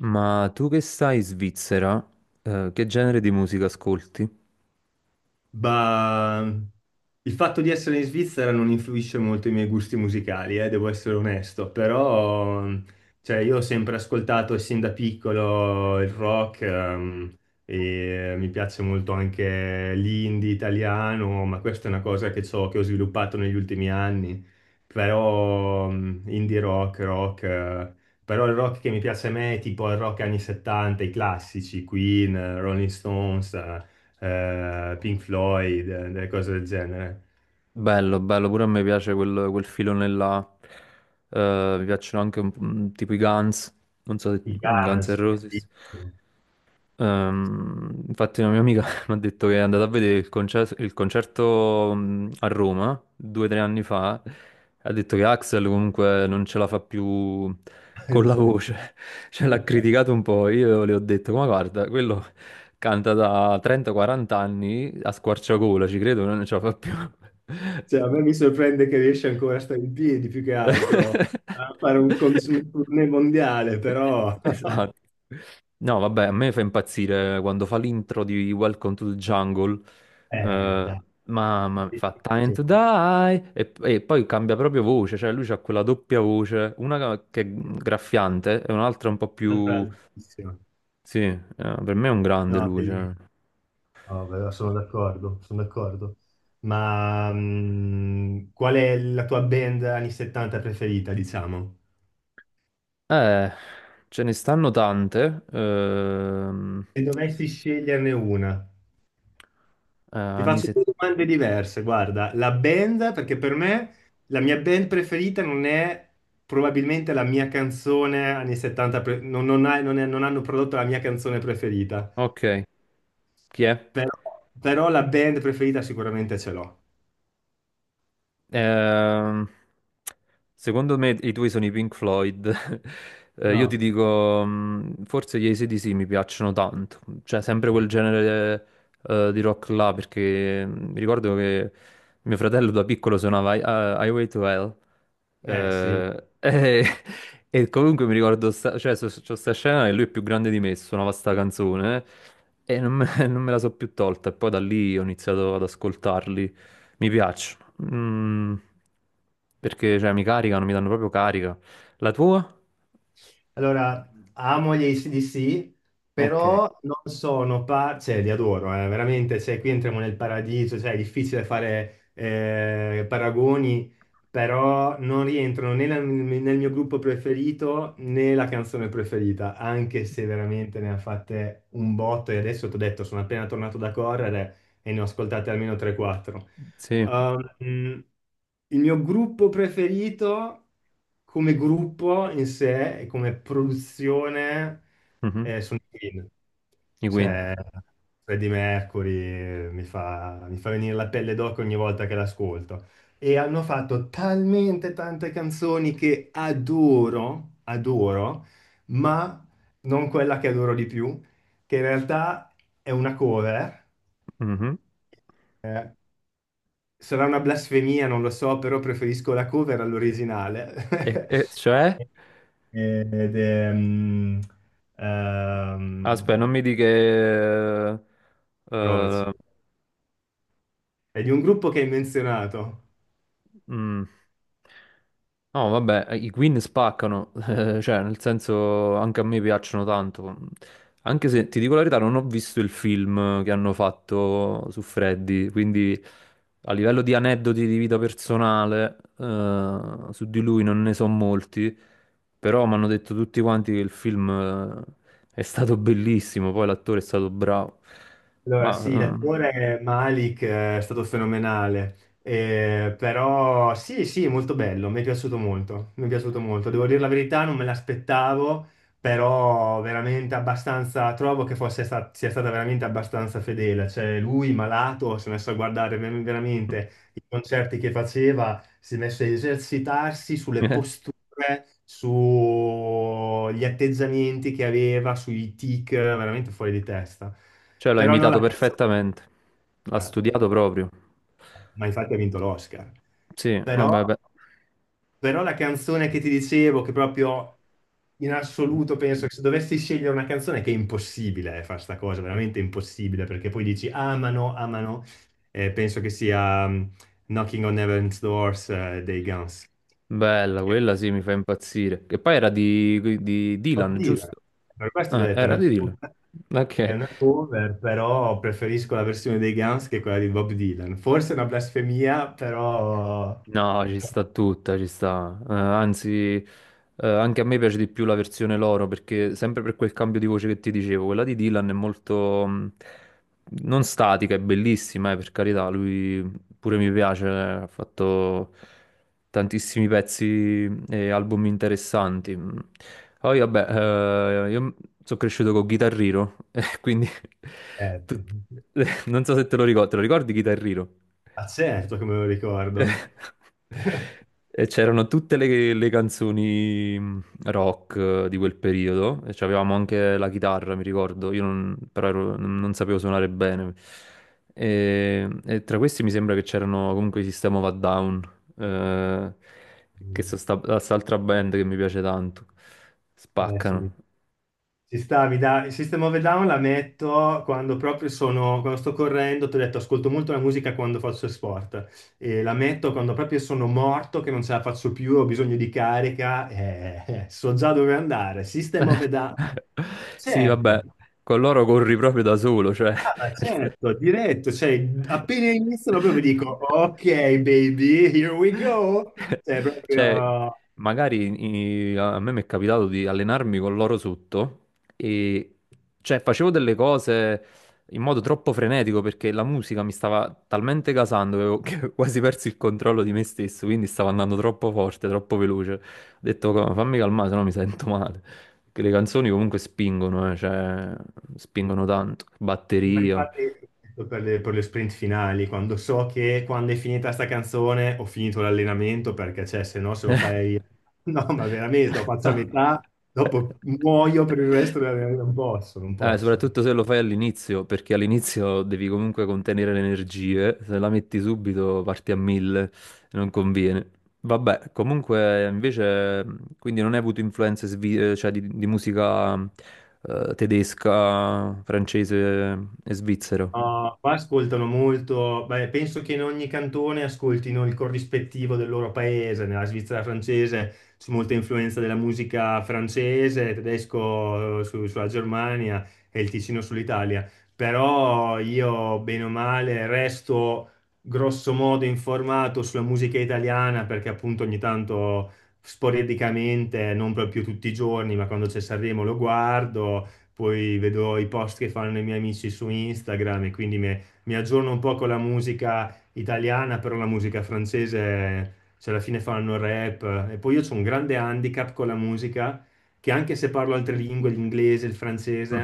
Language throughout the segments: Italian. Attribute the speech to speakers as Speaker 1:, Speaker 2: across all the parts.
Speaker 1: Ma tu che stai in Svizzera, che genere di musica ascolti?
Speaker 2: Ma il fatto di essere in Svizzera non influisce molto i miei gusti musicali, devo essere onesto. Però cioè, io ho sempre ascoltato sin da piccolo il rock, e mi piace molto anche l'indie italiano, ma questa è una cosa che, che ho sviluppato negli ultimi anni. Però indie rock, rock, però il rock che mi piace a me è tipo il rock anni 70, i classici, Queen, Rolling Stones, Pink Floyd, delle cose del genere.
Speaker 1: Bello, bello, pure a me piace quel filone là. Mi piacciono anche tipo i Guns, non so se
Speaker 2: I
Speaker 1: mm, Guns N'
Speaker 2: Guns,
Speaker 1: Roses.
Speaker 2: bellissimo.
Speaker 1: Infatti una mia amica mi ha detto che è andata a vedere il concerto a Roma due o tre anni fa. Ha detto che Axel comunque non ce la fa più con la voce, cioè l'ha criticato un po'. Io le ho detto, ma guarda, quello canta da 30-40 anni a squarciagola, ci credo, non ce la fa più.
Speaker 2: Cioè, a me mi sorprende che riesce ancora a stare in piedi più che altro, a fare un, un tournée mondiale, però...
Speaker 1: Esatto. No, vabbè, a me fa impazzire quando fa l'intro di Welcome to the Jungle. Eh,
Speaker 2: Dai,
Speaker 1: mamma mia, fa Time to
Speaker 2: bellissimo.
Speaker 1: Die e poi cambia proprio voce, cioè lui ha quella doppia voce, una che è graffiante e un'altra un po'
Speaker 2: Un'altra
Speaker 1: più...
Speaker 2: altissima.
Speaker 1: Sì, per me è un grande
Speaker 2: No,
Speaker 1: lui,
Speaker 2: bellissimo.
Speaker 1: cioè.
Speaker 2: No, però sono d'accordo, sono d'accordo. Ma qual è la tua band anni 70 preferita, diciamo?
Speaker 1: Eh, ce ne stanno tante.
Speaker 2: Se dovessi sceglierne una. Ti
Speaker 1: Anni
Speaker 2: faccio due
Speaker 1: 70.
Speaker 2: domande diverse. Guarda, la band, perché per me la mia band preferita non è probabilmente la mia canzone anni 70, pre- non, non ha- non è- non hanno prodotto la mia canzone preferita,
Speaker 1: Ok, chi è?
Speaker 2: però, però la band preferita sicuramente ce l'ho.
Speaker 1: Ehm, Secondo me i tuoi sono i Pink Floyd. Io ti
Speaker 2: No.
Speaker 1: dico, forse gli AC/DC mi piacciono tanto, cioè sempre quel genere di rock là, perché mi ricordo che mio fratello da piccolo suonava Highway to Hell.
Speaker 2: Eh sì.
Speaker 1: Eh, e, e comunque mi ricordo, c'ho sta scena e lui è più grande di me, suonava sta canzone e non me, non me la so più tolta. E poi da lì ho iniziato ad ascoltarli. Mi piace. Mm, Perché cioè, mi caricano, mi danno proprio carica. La tua?
Speaker 2: Allora, amo gli AC/DC,
Speaker 1: Ok,
Speaker 2: però non sono par- cioè li adoro, veramente, cioè qui entriamo nel paradiso, cioè è difficile fare paragoni, però non rientrano né nel mio gruppo preferito né la canzone preferita, anche se veramente ne ha fatte un botto e adesso ti ho detto, sono appena tornato da correre e ne ho ascoltate almeno 3-4.
Speaker 1: sì,
Speaker 2: Il mio gruppo preferito come gruppo in sé e come produzione
Speaker 1: mhm,
Speaker 2: sono i Queen.
Speaker 1: i Queen.
Speaker 2: Cioè, Freddie Mercury mi fa venire la pelle d'oca ogni volta che l'ascolto. E hanno fatto talmente tante canzoni che adoro, adoro, ma non quella che adoro di più, che in realtà è una cover,
Speaker 1: Mhm.
Speaker 2: eh, sarà una blasfemia, non lo so, però preferisco la cover all'originale.
Speaker 1: E cioè?
Speaker 2: Ed è,
Speaker 1: Aspetta, non
Speaker 2: ehm,
Speaker 1: mi di che...
Speaker 2: Rovez.
Speaker 1: eh,
Speaker 2: È di un gruppo che hai menzionato.
Speaker 1: Mm. No, vabbè, i Queen spaccano, cioè, nel senso, anche a me piacciono tanto. Anche se, ti dico la verità, non ho visto il film che hanno fatto su Freddy, quindi a livello di aneddoti di vita personale, su di lui non ne so molti, però mi hanno detto tutti quanti che il film, eh, è stato bellissimo, poi l'attore è stato bravo.
Speaker 2: Allora, sì,
Speaker 1: Ma,
Speaker 2: l'attore Malik è stato fenomenale. Però sì, sì, molto bello, mi è piaciuto molto, mi è piaciuto molto. Devo dire la verità, non me l'aspettavo, però veramente abbastanza, trovo che sia stata veramente abbastanza fedele. Cioè, lui malato si è messo a guardare veramente i concerti che faceva, si è messo a esercitarsi sulle
Speaker 1: eh,
Speaker 2: posture, sugli atteggiamenti che aveva, sui tic, veramente fuori di testa.
Speaker 1: cioè, l'ha
Speaker 2: Però non
Speaker 1: imitato
Speaker 2: la canzone,
Speaker 1: perfettamente. L'ha studiato proprio.
Speaker 2: ma infatti ha vinto l'Oscar.
Speaker 1: Sì,
Speaker 2: Però,
Speaker 1: vabbè, beh.
Speaker 2: però la canzone che ti dicevo, che proprio in assoluto penso che se dovessi scegliere una canzone, che è impossibile fare sta cosa, veramente impossibile, perché poi dici amano, amano, penso che sia Knocking on Heaven's Doors dei Guns.
Speaker 1: Bella, quella sì, mi fa impazzire. Che poi era di Dylan,
Speaker 2: Partita.
Speaker 1: giusto?
Speaker 2: Per questo ho detto,
Speaker 1: Era di Dylan.
Speaker 2: è
Speaker 1: Ok.
Speaker 2: una cover, però preferisco la versione dei Guns che quella di Bob Dylan. Forse è una blasfemia, però...
Speaker 1: No, ci sta tutta, ci sta. Anzi, anche a me piace di più la versione loro perché sempre per quel cambio di voce che ti dicevo, quella di Dylan è molto non statica, è bellissima, per carità, lui pure mi piace, ha fatto tantissimi pezzi e album interessanti. Mm. Poi vabbè, io sono cresciuto con Guitar Hero, e quindi
Speaker 2: Eh,
Speaker 1: tut- non so se te lo ricordi, te lo ricordi Guitar Hero?
Speaker 2: ma certo che me lo ricordo.
Speaker 1: E c'erano tutte le canzoni rock di quel periodo, e avevamo anche la chitarra, mi ricordo, io non, però ero- non sapevo suonare bene. E tra questi mi sembra che c'erano comunque i System of a Down, eh, che sono quest'altra band che mi piace tanto.
Speaker 2: Eh sì.
Speaker 1: Spaccano.
Speaker 2: Ci stavi, dai. System of a Down la metto quando proprio sono, quando sto correndo, ti ho detto, ascolto molto la musica quando faccio sport e la metto quando proprio sono morto, che non ce la faccio più, ho bisogno di carica, so già dove andare. System of a Down,
Speaker 1: Sì, vabbè,
Speaker 2: certo,
Speaker 1: con loro corri proprio da solo, cioè...
Speaker 2: ah,
Speaker 1: nel sen-
Speaker 2: certo, diretto, cioè appena iniziano proprio dico, ok baby, here we go, cioè
Speaker 1: Cioè,
Speaker 2: proprio...
Speaker 1: a me mi è capitato di allenarmi con l'oro sotto e cioè, facevo delle cose in modo troppo frenetico perché la musica mi stava talmente gasando che avevo che ho quasi perso il controllo di me stesso, quindi stavo andando troppo forte, troppo veloce. Ho detto, Fammi calmare, sennò mi sento male. Perché le canzoni comunque spingono, cioè,
Speaker 2: Sì.
Speaker 1: spingono tanto.
Speaker 2: Sì, ma
Speaker 1: Batteria.
Speaker 2: infatti per le sprint finali, quando so che quando è finita sta canzone ho finito l'allenamento perché cioè, se no se lo fai... No, ma veramente, lo faccio a
Speaker 1: No.
Speaker 2: metà, dopo muoio per il resto dell'allenamento, non posso, non posso.
Speaker 1: Soprattutto se lo fai all'inizio, perché all'inizio devi comunque contenere le energie, se la metti subito parti a mille, non conviene. Vabbè, comunque invece, quindi non hai avuto influenze di musica tedesca, francese e svizzera.
Speaker 2: No, qua ascoltano molto, beh, penso che in ogni cantone ascoltino il corrispettivo del loro paese, nella Svizzera francese c'è molta influenza della musica francese, tedesco sulla Germania e il Ticino sull'Italia, però io bene o male resto grosso modo informato sulla musica italiana perché appunto ogni tanto sporadicamente, non proprio tutti i giorni, ma quando c'è Sanremo lo guardo, poi vedo i post che fanno i miei amici su Instagram e quindi mi aggiorno un po' con la musica italiana, però la musica francese, cioè alla fine fanno rap. E poi io ho un grande handicap con la musica, che anche se parlo altre lingue, l'inglese, il francese,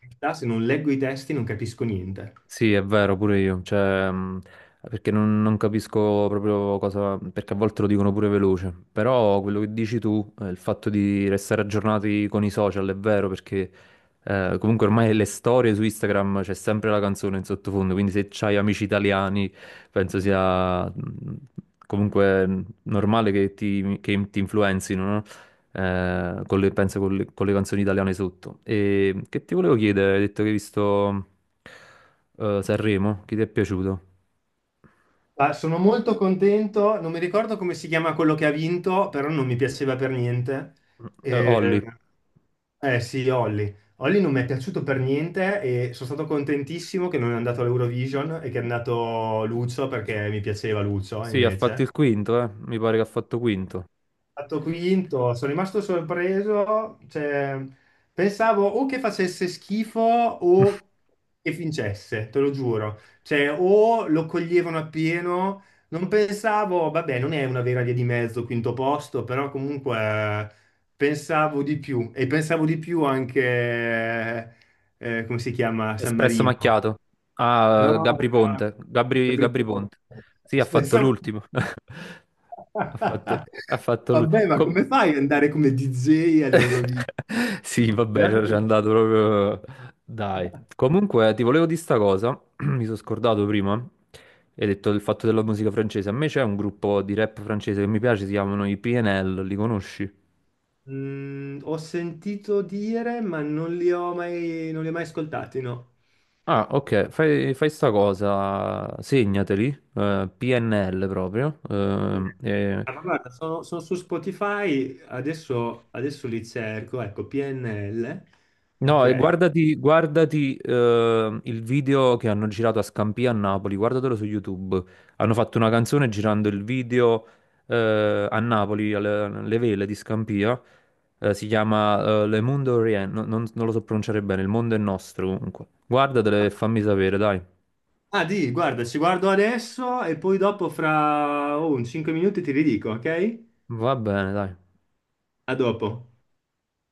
Speaker 2: in realtà se non leggo i testi non capisco niente.
Speaker 1: Sì, è vero, pure io, cioè, perché non capisco proprio cosa, perché a volte lo dicono pure veloce, però quello che dici tu, il fatto di restare aggiornati con i social è vero, perché comunque ormai le storie su Instagram c'è sempre la canzone in sottofondo, quindi se c'hai amici italiani penso sia comunque normale che ti influenzino, no? Eh, con le, penso con le canzoni italiane sotto. E che ti volevo chiedere, hai detto che hai visto Sanremo, chi ti è piaciuto?
Speaker 2: Ah, sono molto contento, non mi ricordo come si chiama quello che ha vinto, però non mi piaceva per niente. Ehm,
Speaker 1: Olli,
Speaker 2: Eh sì, Olli. Olli non mi è piaciuto per niente e sono stato contentissimo che non è andato all'Eurovision e che è andato Lucio perché mi piaceva Lucio
Speaker 1: sì, ha fatto
Speaker 2: invece.
Speaker 1: il quinto, mi pare che ha fatto quinto.
Speaker 2: Fatto quinto, sono rimasto sorpreso, cioè, pensavo o che facesse schifo o che vincesse, te lo giuro, cioè, o lo coglievano appieno, non pensavo, vabbè, non è una vera via di mezzo, quinto posto, però comunque pensavo di più e pensavo di più anche, come si chiama, San
Speaker 1: Espresso
Speaker 2: Marino,
Speaker 1: macchiato. Ah,
Speaker 2: no?
Speaker 1: Gabri Ponte, Gabri Ponte. Sì, ha fatto
Speaker 2: Pensavo,
Speaker 1: l'ultimo. Ha fatto, ha fatto
Speaker 2: vabbè, ma
Speaker 1: l'ultimo.
Speaker 2: come fai ad andare come DJ all'Eurovision?
Speaker 1: Sì,
Speaker 2: No,
Speaker 1: vabbè, ci c'è
Speaker 2: veramente.
Speaker 1: andato proprio. Dai. Comunque, ti volevo dire sta cosa. Mi sono scordato prima. Hai detto del fatto della musica francese. A me c'è un gruppo di rap francese che mi piace, si chiamano i PNL, li conosci?
Speaker 2: Mm, ho sentito dire, ma non li ho mai ascoltati, no.
Speaker 1: Ah, ok, fai sta cosa, segnateli, PNL proprio, e
Speaker 2: Ah, ma guarda, sono, sono su Spotify, adesso, adesso li cerco, ecco, PNL,
Speaker 1: no, e
Speaker 2: ok.
Speaker 1: guardati il video che hanno girato a Scampia a Napoli, guardatelo su YouTube. Hanno fatto una canzone girando il video a Napoli, alle vele di Scampia. Si chiama Le Mondo Orient, non lo so pronunciare bene, Il Mondo è Nostro comunque. Guardatelo e fammi sapere, dai.
Speaker 2: Ah, di, guarda, ci guardo adesso e poi dopo fra oh, un 5 minuti ti ridico, ok?
Speaker 1: Va bene, dai.
Speaker 2: A dopo.